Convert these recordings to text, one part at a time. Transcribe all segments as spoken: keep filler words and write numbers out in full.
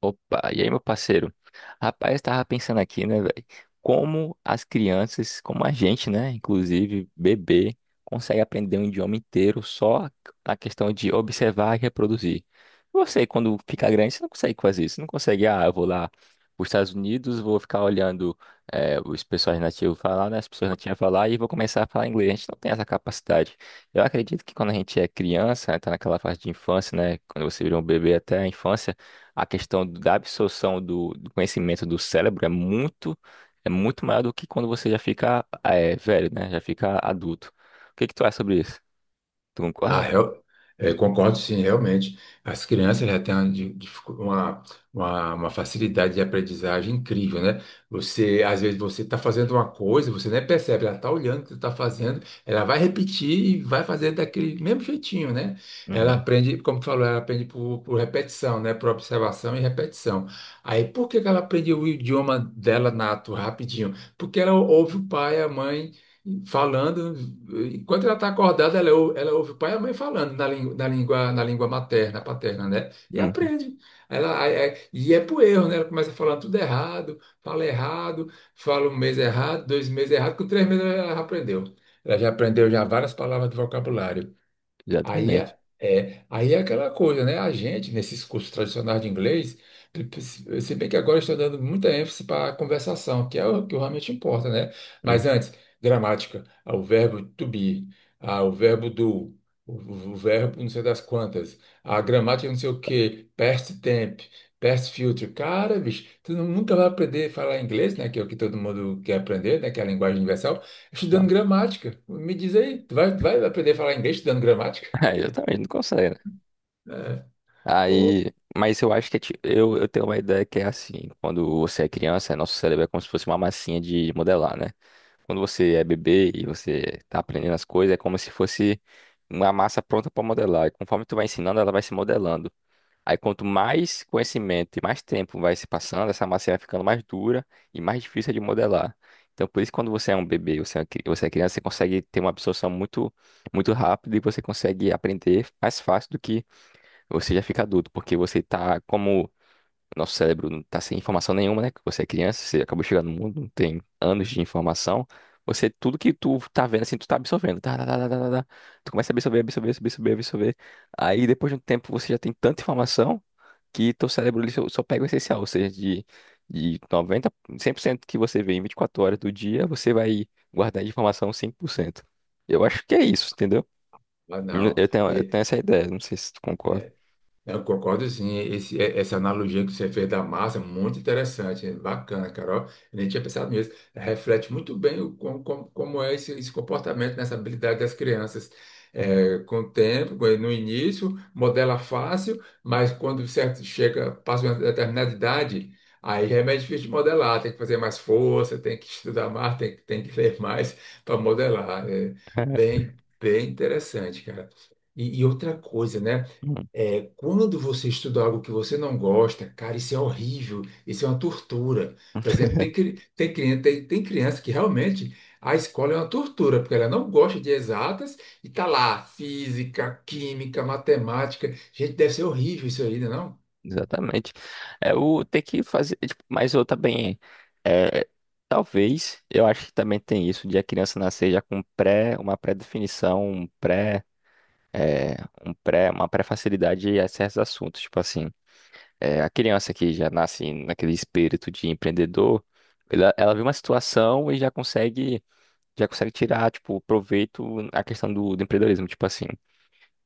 Opa, e aí, meu parceiro? Rapaz, tava pensando aqui, né, velho? Como as crianças, como a gente, né, inclusive bebê, consegue aprender um idioma inteiro só na questão de observar e reproduzir. Você, quando fica grande, você não consegue fazer isso. Você não consegue, ah, eu vou lá para os Estados Unidos, vou ficar olhando eh, os pessoas nativos falar, né, as pessoas nativas falar e vou começar a falar inglês. A gente não tem essa capacidade. Eu acredito que quando a gente é criança, né, tá naquela fase de infância, né, quando você vira um bebê até a infância, a questão da absorção do, do conhecimento do cérebro é muito é muito maior do que quando você já fica é, velho, né? Já fica adulto. O que que tu acha sobre isso? Tu concorda? Ah, eu, eh, concordo sim, realmente. As crianças já têm uma, di- dificu- uma, uma- uma facilidade de aprendizagem incrível, né? Você, às vezes, você está fazendo uma coisa, você nem percebe, ela está olhando o que você está fazendo, ela vai repetir e vai fazer daquele mesmo jeitinho, né? Ela Uhum. aprende, como tu falou, ela aprende por, por repetição, né? Por observação e repetição. Aí, por que que ela aprende o idioma dela nato rapidinho? Porque ela ouve o pai, a mãe falando, enquanto ela está acordada, ela, ou- ela ouve o pai e a mãe falando na, lin- na língua, na língua materna, paterna, né? E Uhum. aprende. Ela, aí- aí- e é por erro, né? Ela começa falando tudo errado, fala errado, fala um mês errado, dois meses errado, com três meses ela já aprendeu. Ela já aprendeu já várias palavras do vocabulário. Aí Exatamente. é, é- aí é aquela coisa, né? A gente, nesses cursos tradicionais de inglês, se se bem que agora eu estou dando muita ênfase para a conversação, que é o que realmente importa, né? Mas Uhum. antes, gramática, ah, o verbo to be, ah, o verbo do, o, o- o verbo não sei das quantas, a gramática não sei o quê, past tense, past future. Cara, bicho, tu não- nunca vai aprender a falar inglês, né? Que é o que todo mundo quer aprender, né? Que é a linguagem universal, Ó. estudando gramática. Me diz aí, tu vai, vai aprender a falar inglês estudando gramática? É, exatamente, não consegue, né? Né? Pô, Aí, mas eu acho que é ti- eu, eu tenho uma ideia que é assim, quando você é criança, nosso cérebro é como se fosse uma massinha de modelar, né? Quando você é bebê e você tá aprendendo as coisas, é como se fosse uma massa pronta para modelar. E conforme tu vai ensinando, ela vai se modelando. Aí quanto mais conhecimento e mais tempo vai se passando, essa massa vai ficando mais dura e mais difícil de modelar. Então, por isso, quando você é um bebê, você é uma cri- você é criança, você consegue ter uma absorção muito, muito rápida e você consegue aprender mais fácil do que você já fica adulto, porque você está como o nosso cérebro não está sem informação nenhuma, né? Que você é criança, você acabou de chegar no mundo, não tem anos de informação. Você, tudo que tu tá vendo, assim, tu tá absorvendo. Tá, tá, tá, tá, tá, tá. tá. Tu começa a absorver, absorver, absorver, absorver, absorver. Aí, depois de um tempo, você já tem tanta informação que teu cérebro ele só, só pega o essencial. Ou seja, de, de noventa, cem por cento que você vê em vinte e quatro horas do dia, você vai guardar de informação cinco por cento. Eu acho que é isso, entendeu? mas não. Eu tenho, eu E, tenho essa ideia, não sei se tu concorda. eu concordo, sim. Esse- é- essa analogia que você fez da massa é muito interessante, é bacana, Carol. Eu nem tinha pensado nisso. Reflete muito bem o, como, como- como é esse, esse comportamento, nessa habilidade das crianças. É, com o tempo, com- no início, modela fácil, mas quando certo chega, passa uma determinada idade, aí é mais difícil de modelar. Tem que fazer mais força, tem que estudar mais, tem, que- tem que ler mais para modelar. É bem, bem interessante, cara. e e outra coisa, né? É, quando você estuda algo que você não gosta, cara, isso é horrível, isso é uma tortura. Por exemplo, tem, cri- tem, cri- tem, tem criança que realmente a escola é uma tortura, porque ela não gosta de exatas e tá lá, física, química, matemática. Gente, deve ser horrível isso aí, né, não? Exatamente. É o ter que fazer, tipo, mas eu também é, talvez, eu acho que também tem isso de a criança nascer já com pré, uma pré-definição, um pré, é, um pré, uma pré-facilidade a certos assuntos, tipo assim, é, a criança que já nasce naquele espírito de empreendedor, ela, ela vê uma situação e já consegue já consegue tirar, tipo, proveito a questão do, do empreendedorismo, tipo assim,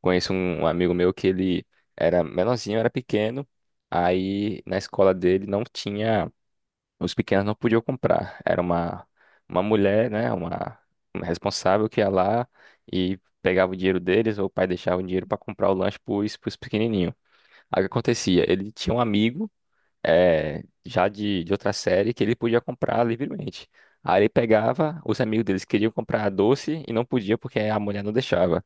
conheço um um amigo meu que ele era menorzinho, era pequeno. Aí na escola dele não tinha, os pequenos não podiam comprar. Era uma uma mulher, né, uma, uma responsável que ia lá e pegava o dinheiro deles, ou o pai deixava o dinheiro para comprar o lanche pros, pros pequenininhos. Aí o que acontecia? Ele tinha um amigo eh, já de, de outra série que ele podia comprar livremente. Aí ele pegava, os amigos deles queriam comprar doce e não podia porque a mulher não deixava.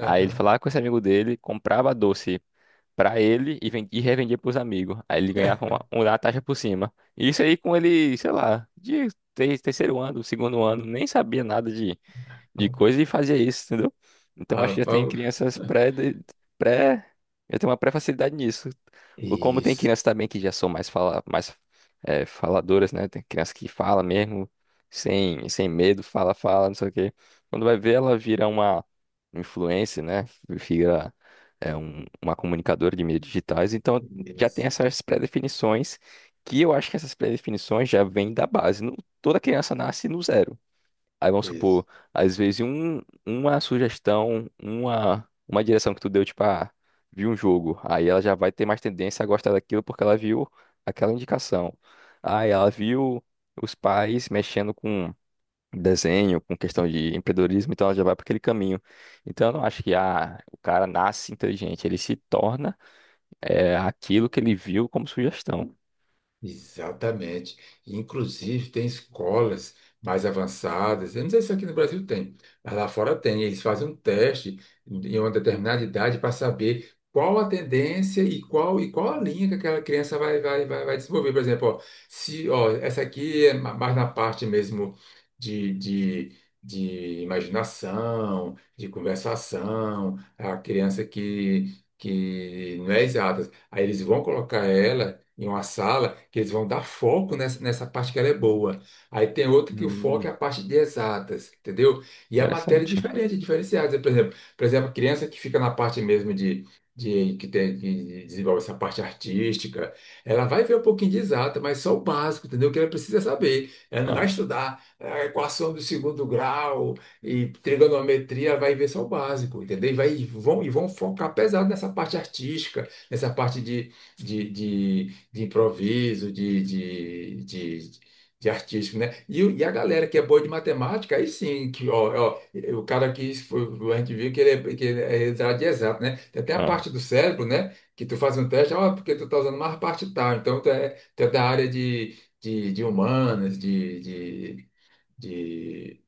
Aí ele falava com esse amigo dele, comprava doce pra ele e, ven- e revendia pros amigos. Aí ele ganhava uma, uma taxa por cima. E isso aí com ele, sei lá, de ter- terceiro ano, segundo ano, nem sabia nada de, de coisa e fazia isso, entendeu? Então acho que Ah, já tem Paulo. crianças pré, de- pré, já tem uma pré-facilidade nisso. Ou como tem Isso, crianças também que já são mais fala, mais é, faladoras, né? Tem criança que fala mesmo, sem, sem medo, fala, fala, não sei o quê. Quando vai ver, ela vira uma influencer, né? Vira é, um- uma comunicadora de mídias digitais. Então já tem isso, essas pré-definições que eu acho que essas pré-definições já vêm da base. Não- toda criança nasce no zero. Aí vamos isso. supor, às vezes um, uma sugestão, uma, uma direção que tu deu, tipo, ah, viu um jogo. Aí ela já vai ter mais tendência a gostar daquilo porque ela viu aquela indicação. Aí ela viu os pais mexendo com desenho, com questão de empreendedorismo, então ela já vai para aquele caminho. Então eu não acho que ah, o cara nasce inteligente, ele se torna é, aquilo que ele viu como sugestão. Exatamente. Inclusive, tem escolas mais avançadas. Eu não sei se aqui no Brasil tem, mas lá fora tem. Eles fazem um teste em uma determinada idade para saber qual a tendência e qual, e qual a linha que aquela criança vai, vai, vai, vai desenvolver. Por exemplo, ó, se, ó, essa aqui é ma- mais na parte mesmo de, de, de imaginação, de conversação, a criança que, que não é exata. Aí eles vão colocar ela em uma sala, que eles vão dar foco nessa, nessa parte que ela é boa. Aí tem outra que o foco Hum. é a parte de exatas, entendeu? E a matéria é Interessante. diferente, é diferenciada. Por exemplo, por exemplo, a criança que fica na parte mesmo de, de que tem, que desenvolve essa parte artística, ela vai ver um pouquinho de exata, mas só o básico, entendeu? O que ela precisa saber. Ela não Ah, vai estudar a equação do segundo grau e trigonometria, ela vai ver só o básico, entendeu? E, vai, e vão, e vão focar pesado nessa parte artística, nessa parte de, de, de de improviso, de, de, de, de artístico, né? E, o- e a galera que é boa de matemática, aí sim, que, ó, ó, o cara que foi, a gente viu que ele é, que ele é da área de exato, né? Tem até a ah, parte do cérebro, né? Que tu faz um teste, ó, porque tu tá usando mais parte tal. Então, tu é, tu é da área de, de, de humanas, de, de, de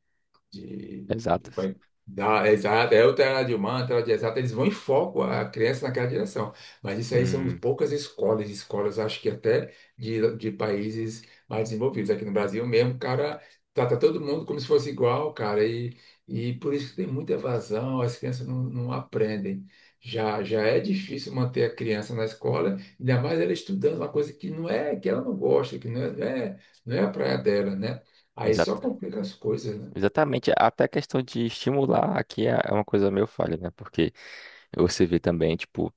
de, de- exatas. vai dar, é exato, é o outra de humana, outra de exato eles vão em foco a criança naquela direção. Mas isso aí são Hum, poucas escolas, escolas acho que até de, de países mais desenvolvidos. Aqui no Brasil mesmo, o cara trata todo mundo como se fosse igual, cara, e, e por isso que tem muita evasão, as crianças não, não aprendem. Já, já é difícil manter a criança na escola, ainda mais ela estudando uma coisa que não é, que ela não gosta, que não é, não é, não é a praia dela, né? Aí só exatas. complica as coisas, né? Exatamente, até a questão de estimular aqui é é uma coisa meio falha, né? Porque você vê também, tipo,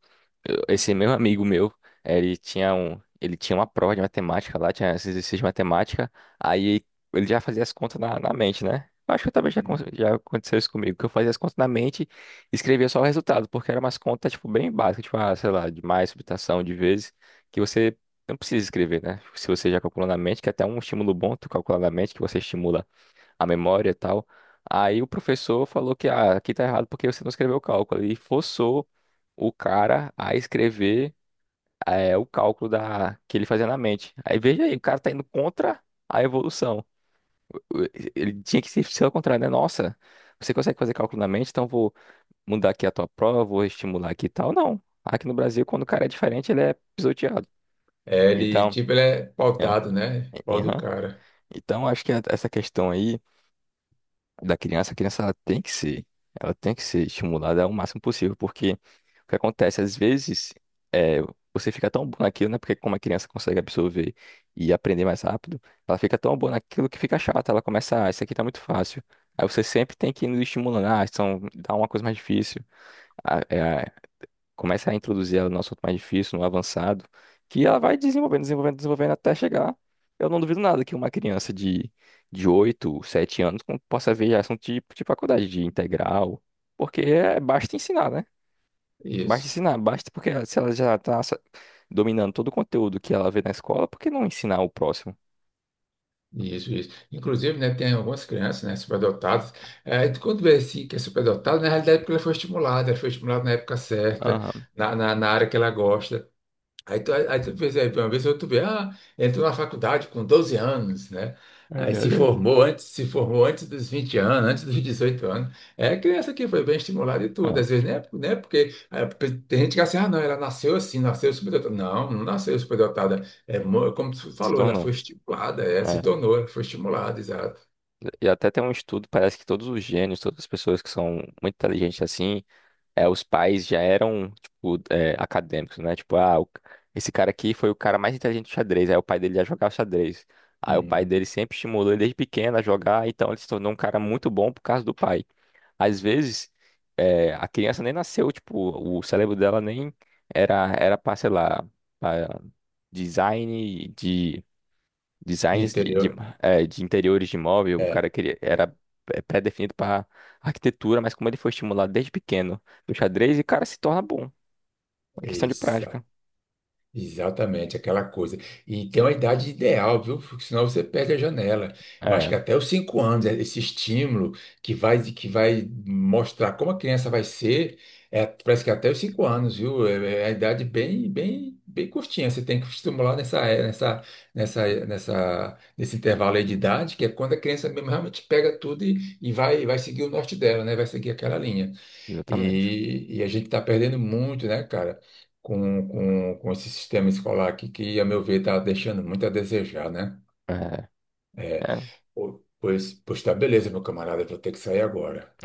eu- esse meu amigo meu, ele tinha um, ele tinha uma prova de matemática lá, tinha esse exercício de matemática, aí ele já fazia as contas na, na mente, né? Eu acho que também já, acon- Hum. já aconteceu isso comigo, que eu fazia as contas na mente e escrevia só o resultado, porque eram umas contas, tipo, bem básicas, tipo, ah, sei lá, de mais, subtração, de vezes, que você não precisa escrever, né? Se você já calculou na mente, que é até um estímulo bom tu calcular na mente, que você estimula a memória e tal. Aí o professor falou que ah, aqui tá errado porque você não escreveu o cálculo. E forçou o cara a escrever eh, o cálculo da, que ele fazia na mente. Aí veja aí, o cara tá indo contra a evolução. Ele tinha que ser ser ao contrário, né? Nossa, você consegue fazer cálculo na mente, então vou mudar aqui a tua prova, vou estimular aqui e tal. Não. Aqui no Brasil, quando o cara é diferente, ele é pisoteado. É, ele, Então, tipo, ele é é, pautado, né? Pau do aham. cara. Então, acho que a- essa questão aí. Da criança, a criança ela tem que ser, ela tem que ser estimulada ao máximo possível, porque o que acontece, às vezes, é, você fica tão bom naquilo, né? Porque como a criança consegue absorver e aprender mais rápido, ela fica tão boa naquilo que fica chata, ela começa, ah, isso aqui tá muito fácil. Aí você sempre tem que ir estimulando, ah, então dá uma coisa mais difícil, ah, é, começa a introduzir ela no assunto mais difícil, no avançado, que ela vai desenvolvendo, desenvolvendo, desenvolvendo até chegar. Eu não duvido nada que uma criança de, de oito, sete anos com- possa ver já assunto tipo de faculdade, de integral, porque é, basta ensinar, né? Basta Isso, ensinar, basta porque se ela já está dominando todo o conteúdo que ela vê na escola, por que não ensinar o próximo? isso, isso. Inclusive, né, tem algumas crianças, né, superdotadas. É, tu quando vê assim que é superdotado, na realidade é porque ela foi estimulada, ela foi estimulada na época certa, Aham. na, na, na área que ela gosta. Aí tu, aí tu percebe, uma vez ou tu vê, ah, entrou na faculdade com doze anos, né? Ai, Aí se ai, formou antes, se formou antes dos vinte anos, antes dos dezoito anos. É criança que foi bem estimulada e tudo. ah, Às vezes, né? Né porque é, porque tem gente que acha assim, ah, não, ela nasceu assim, nasceu superdotada. Não, não nasceu superdotada. É, mo- como tu se falou, ela tornou. foi estimulada, é, se É. tornou, ela foi estimulada, exato. E até tem um estudo, parece que todos os gênios, todas as pessoas que são muito inteligentes assim é, os pais já eram, tipo, é, acadêmicos, né? Tipo, ah, o- esse cara aqui foi o cara mais inteligente do xadrez. Aí o pai dele já jogava xadrez. Aí o pai Hum, dele sempre estimulou ele desde pequeno a jogar, então ele se tornou um cara muito bom por causa do pai. Às vezes, é, a criança nem nasceu, tipo, o cérebro dela nem era, era pra, sei lá, pra design de designs de, de, entendeu? é, de interiores de imóvel, o É, cara queria, era é, pré-definido para arquitetura, mas como ele foi estimulado desde pequeno do xadrez, e o cara se torna bom. É questão de isso. prática. Exatamente, aquela coisa. E tem uma idade ideal, viu? Porque senão você perde a janela. Eu acho É, que até os cinco anos, é esse estímulo que vai, que vai mostrar como a criança vai ser, é, parece que até os cinco anos, viu? É, é a idade bem, bem, bem curtinha. Você tem que estimular nessa, é- nessa, nessa, nessa, nesse intervalo aí de idade, que é quando a criança mesmo realmente pega tudo e, e vai, vai seguir o norte dela, né? Vai seguir aquela linha. exatamente. E, e a gente está perdendo muito, né, cara, com, com, com esse sistema escolar aqui, que, a meu ver, está deixando muito a desejar, né? É, É, é. o- pois, pois tá, beleza, meu camarada, eu vou ter que sair agora.